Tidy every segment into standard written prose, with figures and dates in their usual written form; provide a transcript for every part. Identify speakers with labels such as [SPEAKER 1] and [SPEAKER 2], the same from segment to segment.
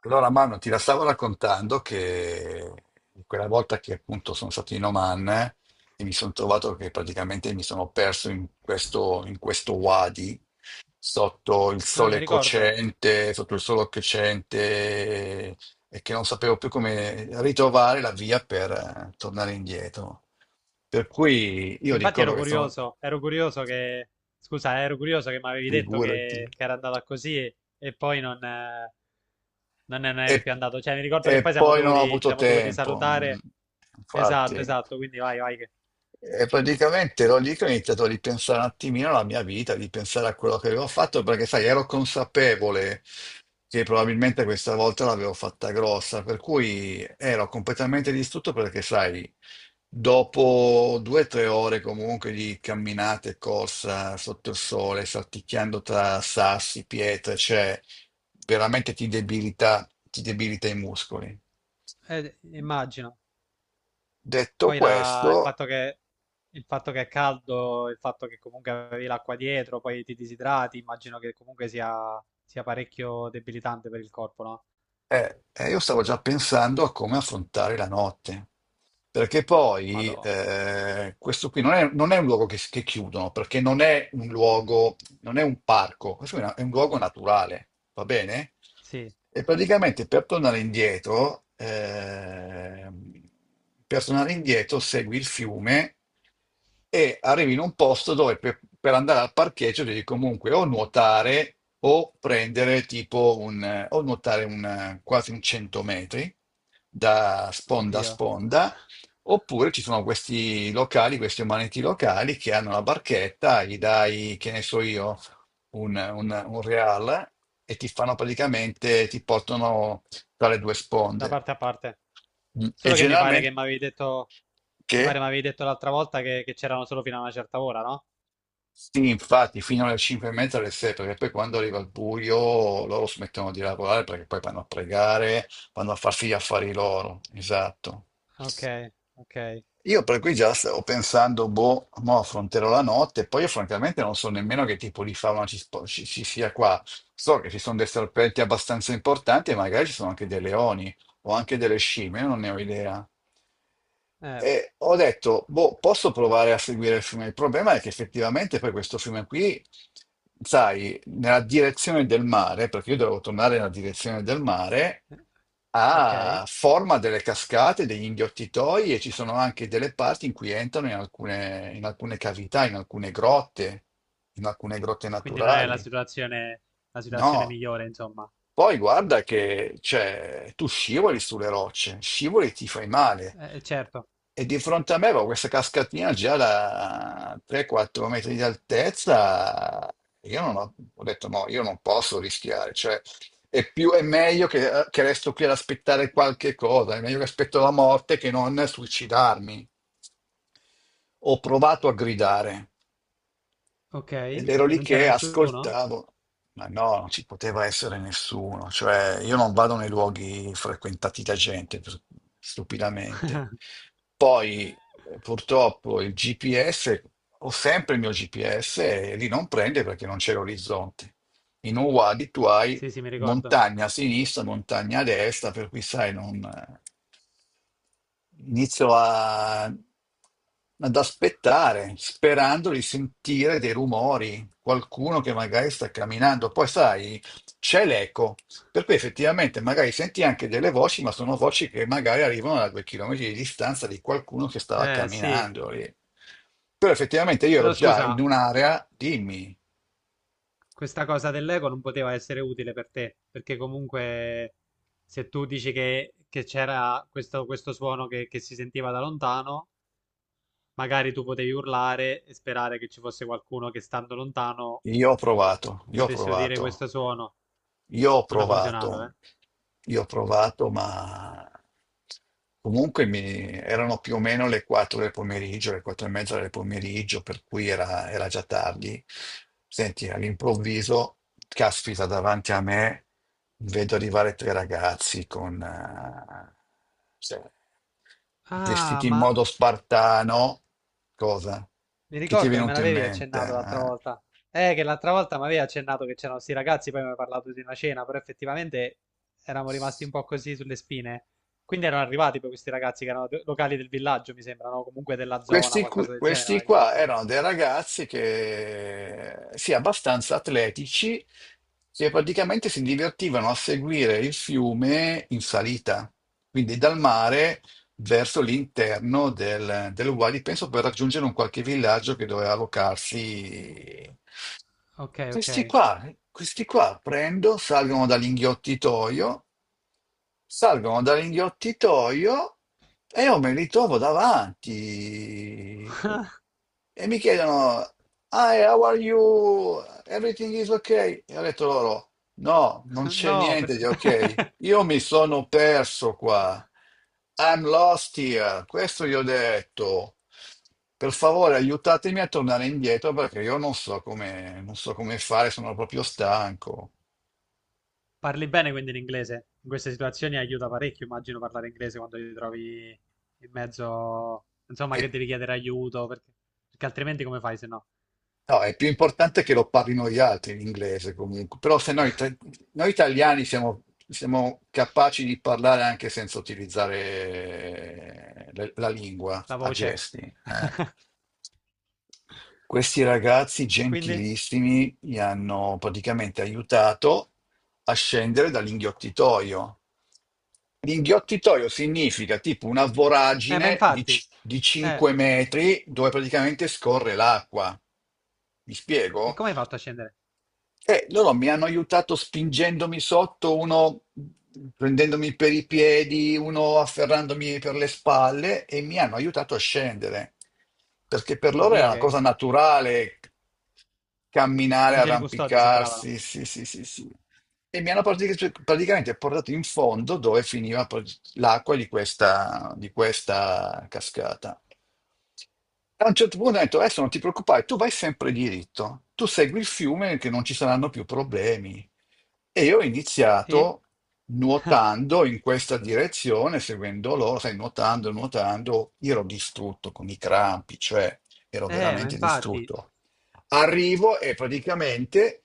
[SPEAKER 1] Allora, Manu, ti la stavo raccontando che quella volta che appunto sono stato in Oman, e mi sono trovato che praticamente mi sono perso in questo wadi, sotto il
[SPEAKER 2] Ah, mi
[SPEAKER 1] sole
[SPEAKER 2] ricordo.
[SPEAKER 1] cocente, sotto il sole crescente, e che non sapevo più come ritrovare la via per tornare indietro. Per cui
[SPEAKER 2] Sì,
[SPEAKER 1] io
[SPEAKER 2] infatti
[SPEAKER 1] ricordo che sono.
[SPEAKER 2] ero curioso che. Scusa, ero curioso che mi avevi detto
[SPEAKER 1] Figurati.
[SPEAKER 2] che era andata così e poi non, non ne non eri
[SPEAKER 1] E,
[SPEAKER 2] più andato. Cioè, mi ricordo che
[SPEAKER 1] e
[SPEAKER 2] poi
[SPEAKER 1] poi non ho
[SPEAKER 2] ci
[SPEAKER 1] avuto
[SPEAKER 2] siamo dovuti
[SPEAKER 1] tempo,
[SPEAKER 2] salutare. Esatto,
[SPEAKER 1] infatti.
[SPEAKER 2] esatto, quindi vai, vai.
[SPEAKER 1] E praticamente ero lì che ho iniziato a ripensare un attimino alla mia vita, di pensare a quello che avevo fatto, perché sai, ero consapevole che probabilmente questa volta l'avevo fatta grossa, per cui ero completamente distrutto, perché sai, dopo 2 o 3 ore comunque di camminate e corsa sotto il sole, salticchiando tra sassi, pietre, cioè veramente ti debilita i muscoli.
[SPEAKER 2] Eh, immagino.
[SPEAKER 1] Detto
[SPEAKER 2] Il
[SPEAKER 1] questo.
[SPEAKER 2] fatto il fatto che è caldo, il fatto che comunque avevi l'acqua dietro, poi ti disidrati, immagino che comunque sia parecchio debilitante per il corpo, no?
[SPEAKER 1] Io stavo già pensando a come affrontare la notte, perché poi
[SPEAKER 2] Madò.
[SPEAKER 1] questo qui non è un luogo che chiudono, perché non è un luogo, non è un parco, questo è un luogo naturale, va bene?
[SPEAKER 2] Sì,
[SPEAKER 1] E praticamente per tornare indietro segui il fiume e arrivi in un posto dove per andare al parcheggio devi comunque o nuotare o prendere tipo o nuotare quasi un 100 metri da sponda a sponda, oppure ci sono questi locali, questi umaniti locali che hanno la barchetta, gli dai, che ne so io, un real, e ti portano tra le due
[SPEAKER 2] da
[SPEAKER 1] sponde.
[SPEAKER 2] parte a parte.
[SPEAKER 1] Mm. E
[SPEAKER 2] Solo che mi pare che
[SPEAKER 1] generalmente,
[SPEAKER 2] mi avevi detto, mi pare
[SPEAKER 1] che?
[SPEAKER 2] mi avevi detto l'altra volta che c'erano solo fino a una certa ora, no?
[SPEAKER 1] Sì, infatti, fino alle 5 e mezza, alle 6, perché poi quando arriva il buio loro smettono di lavorare, perché poi vanno a pregare, vanno a farsi gli affari loro. Esatto.
[SPEAKER 2] Ok, ok,
[SPEAKER 1] Io per cui già stavo pensando, boh, mo affronterò la notte, poi io francamente non so nemmeno che tipo di fauna ci sia qua. So che ci sono dei serpenti abbastanza importanti, e magari ci sono anche dei leoni o anche delle scimmie, non ne ho idea.
[SPEAKER 2] eh,
[SPEAKER 1] E ho detto, boh, posso provare a seguire il fiume. Il problema è che effettivamente poi questo fiume qui, sai, nella direzione del mare, perché io dovevo tornare nella direzione del mare, ha
[SPEAKER 2] ok.
[SPEAKER 1] forma delle cascate, degli inghiottitoi, e ci sono anche delle parti in cui entrano in alcune cavità, in alcune grotte
[SPEAKER 2] Quindi non è
[SPEAKER 1] naturali.
[SPEAKER 2] la situazione
[SPEAKER 1] No,
[SPEAKER 2] migliore, insomma.
[SPEAKER 1] poi guarda che cioè, tu scivoli sulle rocce, scivoli e ti fai male.
[SPEAKER 2] Certo,
[SPEAKER 1] E di fronte a me avevo questa cascatina già da 3-4 metri di altezza. Io non ho, ho detto no, io non posso rischiare. Cioè, è meglio che resto qui ad aspettare qualche cosa, è meglio che aspetto la morte che non suicidarmi. Ho provato a gridare.
[SPEAKER 2] ok.
[SPEAKER 1] Ed
[SPEAKER 2] E
[SPEAKER 1] ero lì
[SPEAKER 2] non c'era
[SPEAKER 1] che
[SPEAKER 2] nessuno?
[SPEAKER 1] ascoltavo, ma no, non ci poteva essere nessuno, cioè io non vado nei luoghi frequentati da gente, stupidamente. Poi purtroppo il GPS, ho sempre il mio GPS e lì non prende perché non c'è l'orizzonte. In Uwadi tu hai
[SPEAKER 2] Sì, sì, mi ricordo.
[SPEAKER 1] montagna a sinistra, montagna a destra, per cui sai, non. Inizio a- Ad aspettare, sperando di sentire dei rumori, qualcuno che magari sta camminando. Poi sai, c'è l'eco, per cui effettivamente magari senti anche delle voci, ma sono voci che magari arrivano a 2 chilometri di distanza, di qualcuno che stava
[SPEAKER 2] Sì.
[SPEAKER 1] camminando lì. Però effettivamente io ero
[SPEAKER 2] Però
[SPEAKER 1] già
[SPEAKER 2] scusa,
[SPEAKER 1] in un'area, dimmi,
[SPEAKER 2] questa cosa dell'ego non poteva essere utile per te, perché comunque se tu dici che c'era questo suono che si sentiva da lontano, magari tu potevi urlare e sperare che ci fosse qualcuno che stando lontano
[SPEAKER 1] io ho provato, io ho
[SPEAKER 2] potesse udire
[SPEAKER 1] provato.
[SPEAKER 2] questo suono.
[SPEAKER 1] Io ho
[SPEAKER 2] Non ha funzionato,
[SPEAKER 1] provato,
[SPEAKER 2] eh?
[SPEAKER 1] io ho provato, ma comunque erano più o meno le 4 del pomeriggio, le 4 e mezza del pomeriggio, per cui era già tardi. Senti, all'improvviso, caspita, davanti a me vedo arrivare tre ragazzi con, cioè,
[SPEAKER 2] Ah,
[SPEAKER 1] vestiti in
[SPEAKER 2] ma
[SPEAKER 1] modo spartano. Cosa?
[SPEAKER 2] mi
[SPEAKER 1] Che ti è
[SPEAKER 2] ricordo che me
[SPEAKER 1] venuto in
[SPEAKER 2] l'avevi
[SPEAKER 1] mente?
[SPEAKER 2] accennato l'altra
[SPEAKER 1] Eh?
[SPEAKER 2] volta. Che l'altra volta mi avevi accennato che c'erano sti ragazzi, poi mi hai parlato di una cena, però effettivamente eravamo rimasti un po' così sulle spine. Quindi erano arrivati poi questi ragazzi che locali del villaggio, mi sembra, no? Comunque della zona, qualcosa del genere, mi
[SPEAKER 1] Questi
[SPEAKER 2] avevi
[SPEAKER 1] qua
[SPEAKER 2] detto.
[SPEAKER 1] erano dei ragazzi che, sì, abbastanza atletici, che praticamente si divertivano a seguire il fiume in salita. Quindi dal mare verso l'interno del Wadi, penso per raggiungere un qualche villaggio che doveva allocarsi.
[SPEAKER 2] Ok, ok.
[SPEAKER 1] Questi qua, questi qua, salgono dall'inghiottitoio, e io me li trovo davanti e mi chiedono, "Hi, how are you? Everything is okay?" E ho detto loro, no, non c'è
[SPEAKER 2] No,
[SPEAKER 1] niente di ok. Io mi sono perso qua. I'm lost here. Questo gli ho detto. Per favore, aiutatemi a tornare indietro, perché io non so come fare, sono proprio stanco.
[SPEAKER 2] parli bene quindi l'inglese? In queste situazioni aiuta parecchio, immagino, parlare inglese quando ti trovi in mezzo, insomma,
[SPEAKER 1] E
[SPEAKER 2] che devi chiedere aiuto, perché altrimenti come fai se no?
[SPEAKER 1] No, è più importante che lo parlino gli altri l'inglese comunque, però se noi, noi italiani siamo capaci di parlare anche senza utilizzare la lingua
[SPEAKER 2] La
[SPEAKER 1] a
[SPEAKER 2] voce.
[SPEAKER 1] gesti. Eh. Questi ragazzi
[SPEAKER 2] E quindi?
[SPEAKER 1] gentilissimi mi hanno praticamente aiutato a scendere dall'inghiottitoio. L'inghiottitoio significa tipo una
[SPEAKER 2] Ma
[SPEAKER 1] voragine
[SPEAKER 2] infatti.
[SPEAKER 1] di
[SPEAKER 2] Eh,
[SPEAKER 1] 5 metri dove praticamente scorre l'acqua. Mi
[SPEAKER 2] e
[SPEAKER 1] spiego?
[SPEAKER 2] come hai fatto a scendere?
[SPEAKER 1] Loro mi hanno aiutato spingendomi sotto, uno prendendomi per i piedi, uno afferrandomi per le spalle, e mi hanno aiutato a scendere, perché per loro era
[SPEAKER 2] Oddio,
[SPEAKER 1] una
[SPEAKER 2] che
[SPEAKER 1] cosa naturale camminare,
[SPEAKER 2] angeli custodi sembravano.
[SPEAKER 1] arrampicarsi, sì, sì, sì, sì. E mi hanno praticamente portato in fondo, dove finiva poi l'acqua di questa cascata. A un certo punto ha detto, adesso non ti preoccupare, tu vai sempre diritto, tu segui il fiume che non ci saranno più problemi. E io ho
[SPEAKER 2] Sì?
[SPEAKER 1] iniziato nuotando in questa direzione, seguendo loro, sai, nuotando, nuotando, io ero distrutto con i crampi, cioè ero
[SPEAKER 2] Ma
[SPEAKER 1] veramente
[SPEAKER 2] infatti.
[SPEAKER 1] distrutto. Arrivo e praticamente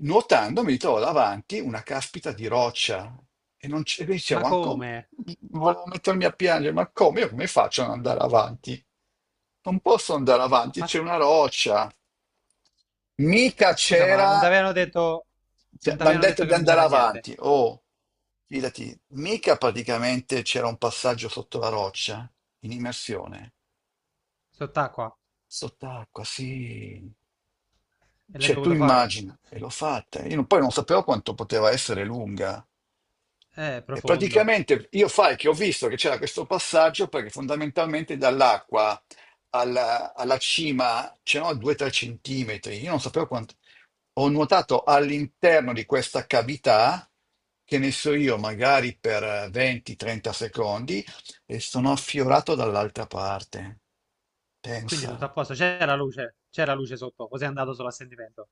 [SPEAKER 1] nuotando mi trovo davanti una caspita di roccia, e non c'è, dicevo,
[SPEAKER 2] Ma
[SPEAKER 1] ma come?
[SPEAKER 2] come?
[SPEAKER 1] Volevo mettermi a piangere, ma come? Io come faccio ad andare avanti? Non posso andare avanti,
[SPEAKER 2] Ma
[SPEAKER 1] c'è
[SPEAKER 2] sc-
[SPEAKER 1] una roccia. Mica
[SPEAKER 2] scusa, ma
[SPEAKER 1] c'era,
[SPEAKER 2] non ti avevano
[SPEAKER 1] mi
[SPEAKER 2] detto. Non ti
[SPEAKER 1] hanno
[SPEAKER 2] avevano
[SPEAKER 1] detto
[SPEAKER 2] detto
[SPEAKER 1] di
[SPEAKER 2] che non
[SPEAKER 1] andare
[SPEAKER 2] c'era niente?
[SPEAKER 1] avanti. Oh, fidati, mica praticamente c'era un passaggio sotto la roccia in immersione.
[SPEAKER 2] Sott'acqua?
[SPEAKER 1] Sott'acqua, sì.
[SPEAKER 2] E l'hai
[SPEAKER 1] Cioè, tu
[SPEAKER 2] dovuto fare?
[SPEAKER 1] immagina, e l'ho fatta. Io non- poi non sapevo quanto poteva essere lunga. E
[SPEAKER 2] Profondo.
[SPEAKER 1] praticamente io fai che ho visto che c'era questo passaggio, perché fondamentalmente dall'acqua alla cima c'erano 2-3 centimetri. Io non sapevo quanto. Ho nuotato all'interno di questa cavità, che ne so io, magari per 20-30 secondi, e sono affiorato dall'altra parte.
[SPEAKER 2] Quindi tutto a
[SPEAKER 1] Pensa.
[SPEAKER 2] posto, c'era la luce, c'era luce sotto, così è andato solo a sentimento.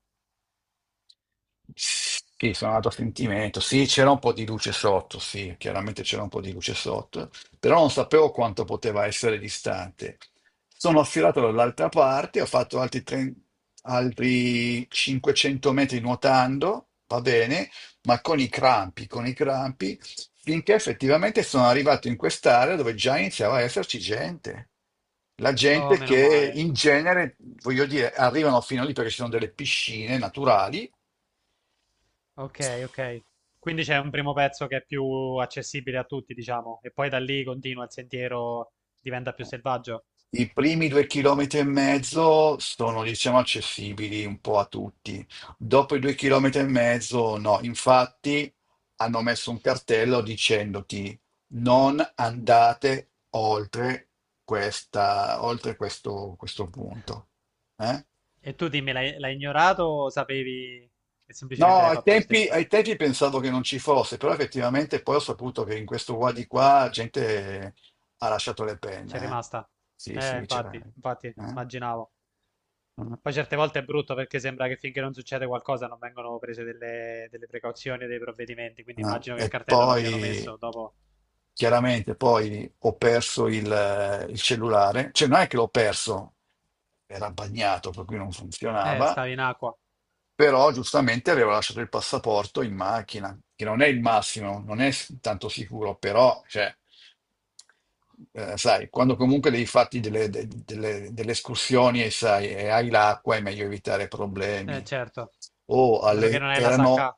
[SPEAKER 1] Sì, sono andato a sentimento. Sì, c'era un po' di luce sotto, sì, chiaramente c'era un po' di luce sotto, però non sapevo quanto poteva essere distante. Sono affilato dall'altra parte, ho fatto altri 500 metri nuotando, va bene, ma con i crampi, finché effettivamente sono arrivato in quest'area dove già iniziava a esserci gente. La
[SPEAKER 2] Oh,
[SPEAKER 1] gente
[SPEAKER 2] meno
[SPEAKER 1] che
[SPEAKER 2] male.
[SPEAKER 1] in genere, voglio dire, arrivano fino lì perché ci sono delle piscine naturali.
[SPEAKER 2] Ok, ok. Quindi c'è un primo pezzo che è più accessibile a tutti, diciamo, e poi da lì continua il sentiero, diventa più selvaggio.
[SPEAKER 1] I primi 2 chilometri e mezzo sono, diciamo, accessibili un po' a tutti. Dopo i 2 chilometri e mezzo, no. Infatti, hanno messo un cartello dicendoti: non andate oltre questo punto. Eh?
[SPEAKER 2] E tu dimmi, l'hai, l'hai ignorato o sapevi e
[SPEAKER 1] No,
[SPEAKER 2] semplicemente l'hai fatto lo stesso?
[SPEAKER 1] ai tempi pensavo che non ci fosse, però effettivamente poi ho saputo che in questo qua di qua gente ha lasciato le
[SPEAKER 2] C'è
[SPEAKER 1] penne. Eh.
[SPEAKER 2] rimasta?
[SPEAKER 1] Sì, sì, c'era.
[SPEAKER 2] Infatti, infatti,
[SPEAKER 1] Eh.
[SPEAKER 2] immaginavo.
[SPEAKER 1] Eh,
[SPEAKER 2] Poi certe volte è brutto perché sembra che finché non succede qualcosa non vengono prese delle precauzioni e dei provvedimenti, quindi immagino che il
[SPEAKER 1] e
[SPEAKER 2] cartello l'abbiano
[SPEAKER 1] poi
[SPEAKER 2] messo dopo.
[SPEAKER 1] chiaramente poi ho perso il cellulare, cioè non è che l'ho perso, era bagnato per cui non funzionava,
[SPEAKER 2] Stavi in acqua.
[SPEAKER 1] però giustamente avevo lasciato il passaporto in macchina, che non è il massimo, non è tanto sicuro, però cioè, sai, quando comunque devi farti delle escursioni e sai, e hai l'acqua, è meglio evitare problemi.
[SPEAKER 2] Certo.
[SPEAKER 1] O
[SPEAKER 2] A meno che
[SPEAKER 1] alle,
[SPEAKER 2] non hai la
[SPEAKER 1] erano,
[SPEAKER 2] sacca.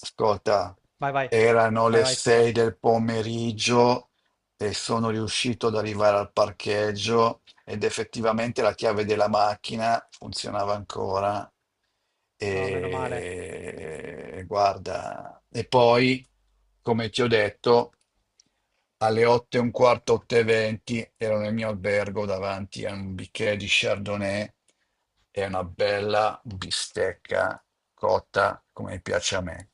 [SPEAKER 1] ascolta,
[SPEAKER 2] Vai, vai.
[SPEAKER 1] erano
[SPEAKER 2] Vai,
[SPEAKER 1] le
[SPEAKER 2] vai, scusa.
[SPEAKER 1] 6 del pomeriggio e sono riuscito ad arrivare al parcheggio, ed effettivamente la chiave della macchina funzionava ancora.
[SPEAKER 2] Oh, meno male.
[SPEAKER 1] E guarda, e poi, come ti ho detto, alle 8 e un quarto, 8 e 20 ero nel mio albergo davanti a un bicchiere di Chardonnay e una bella bistecca cotta come piace a me.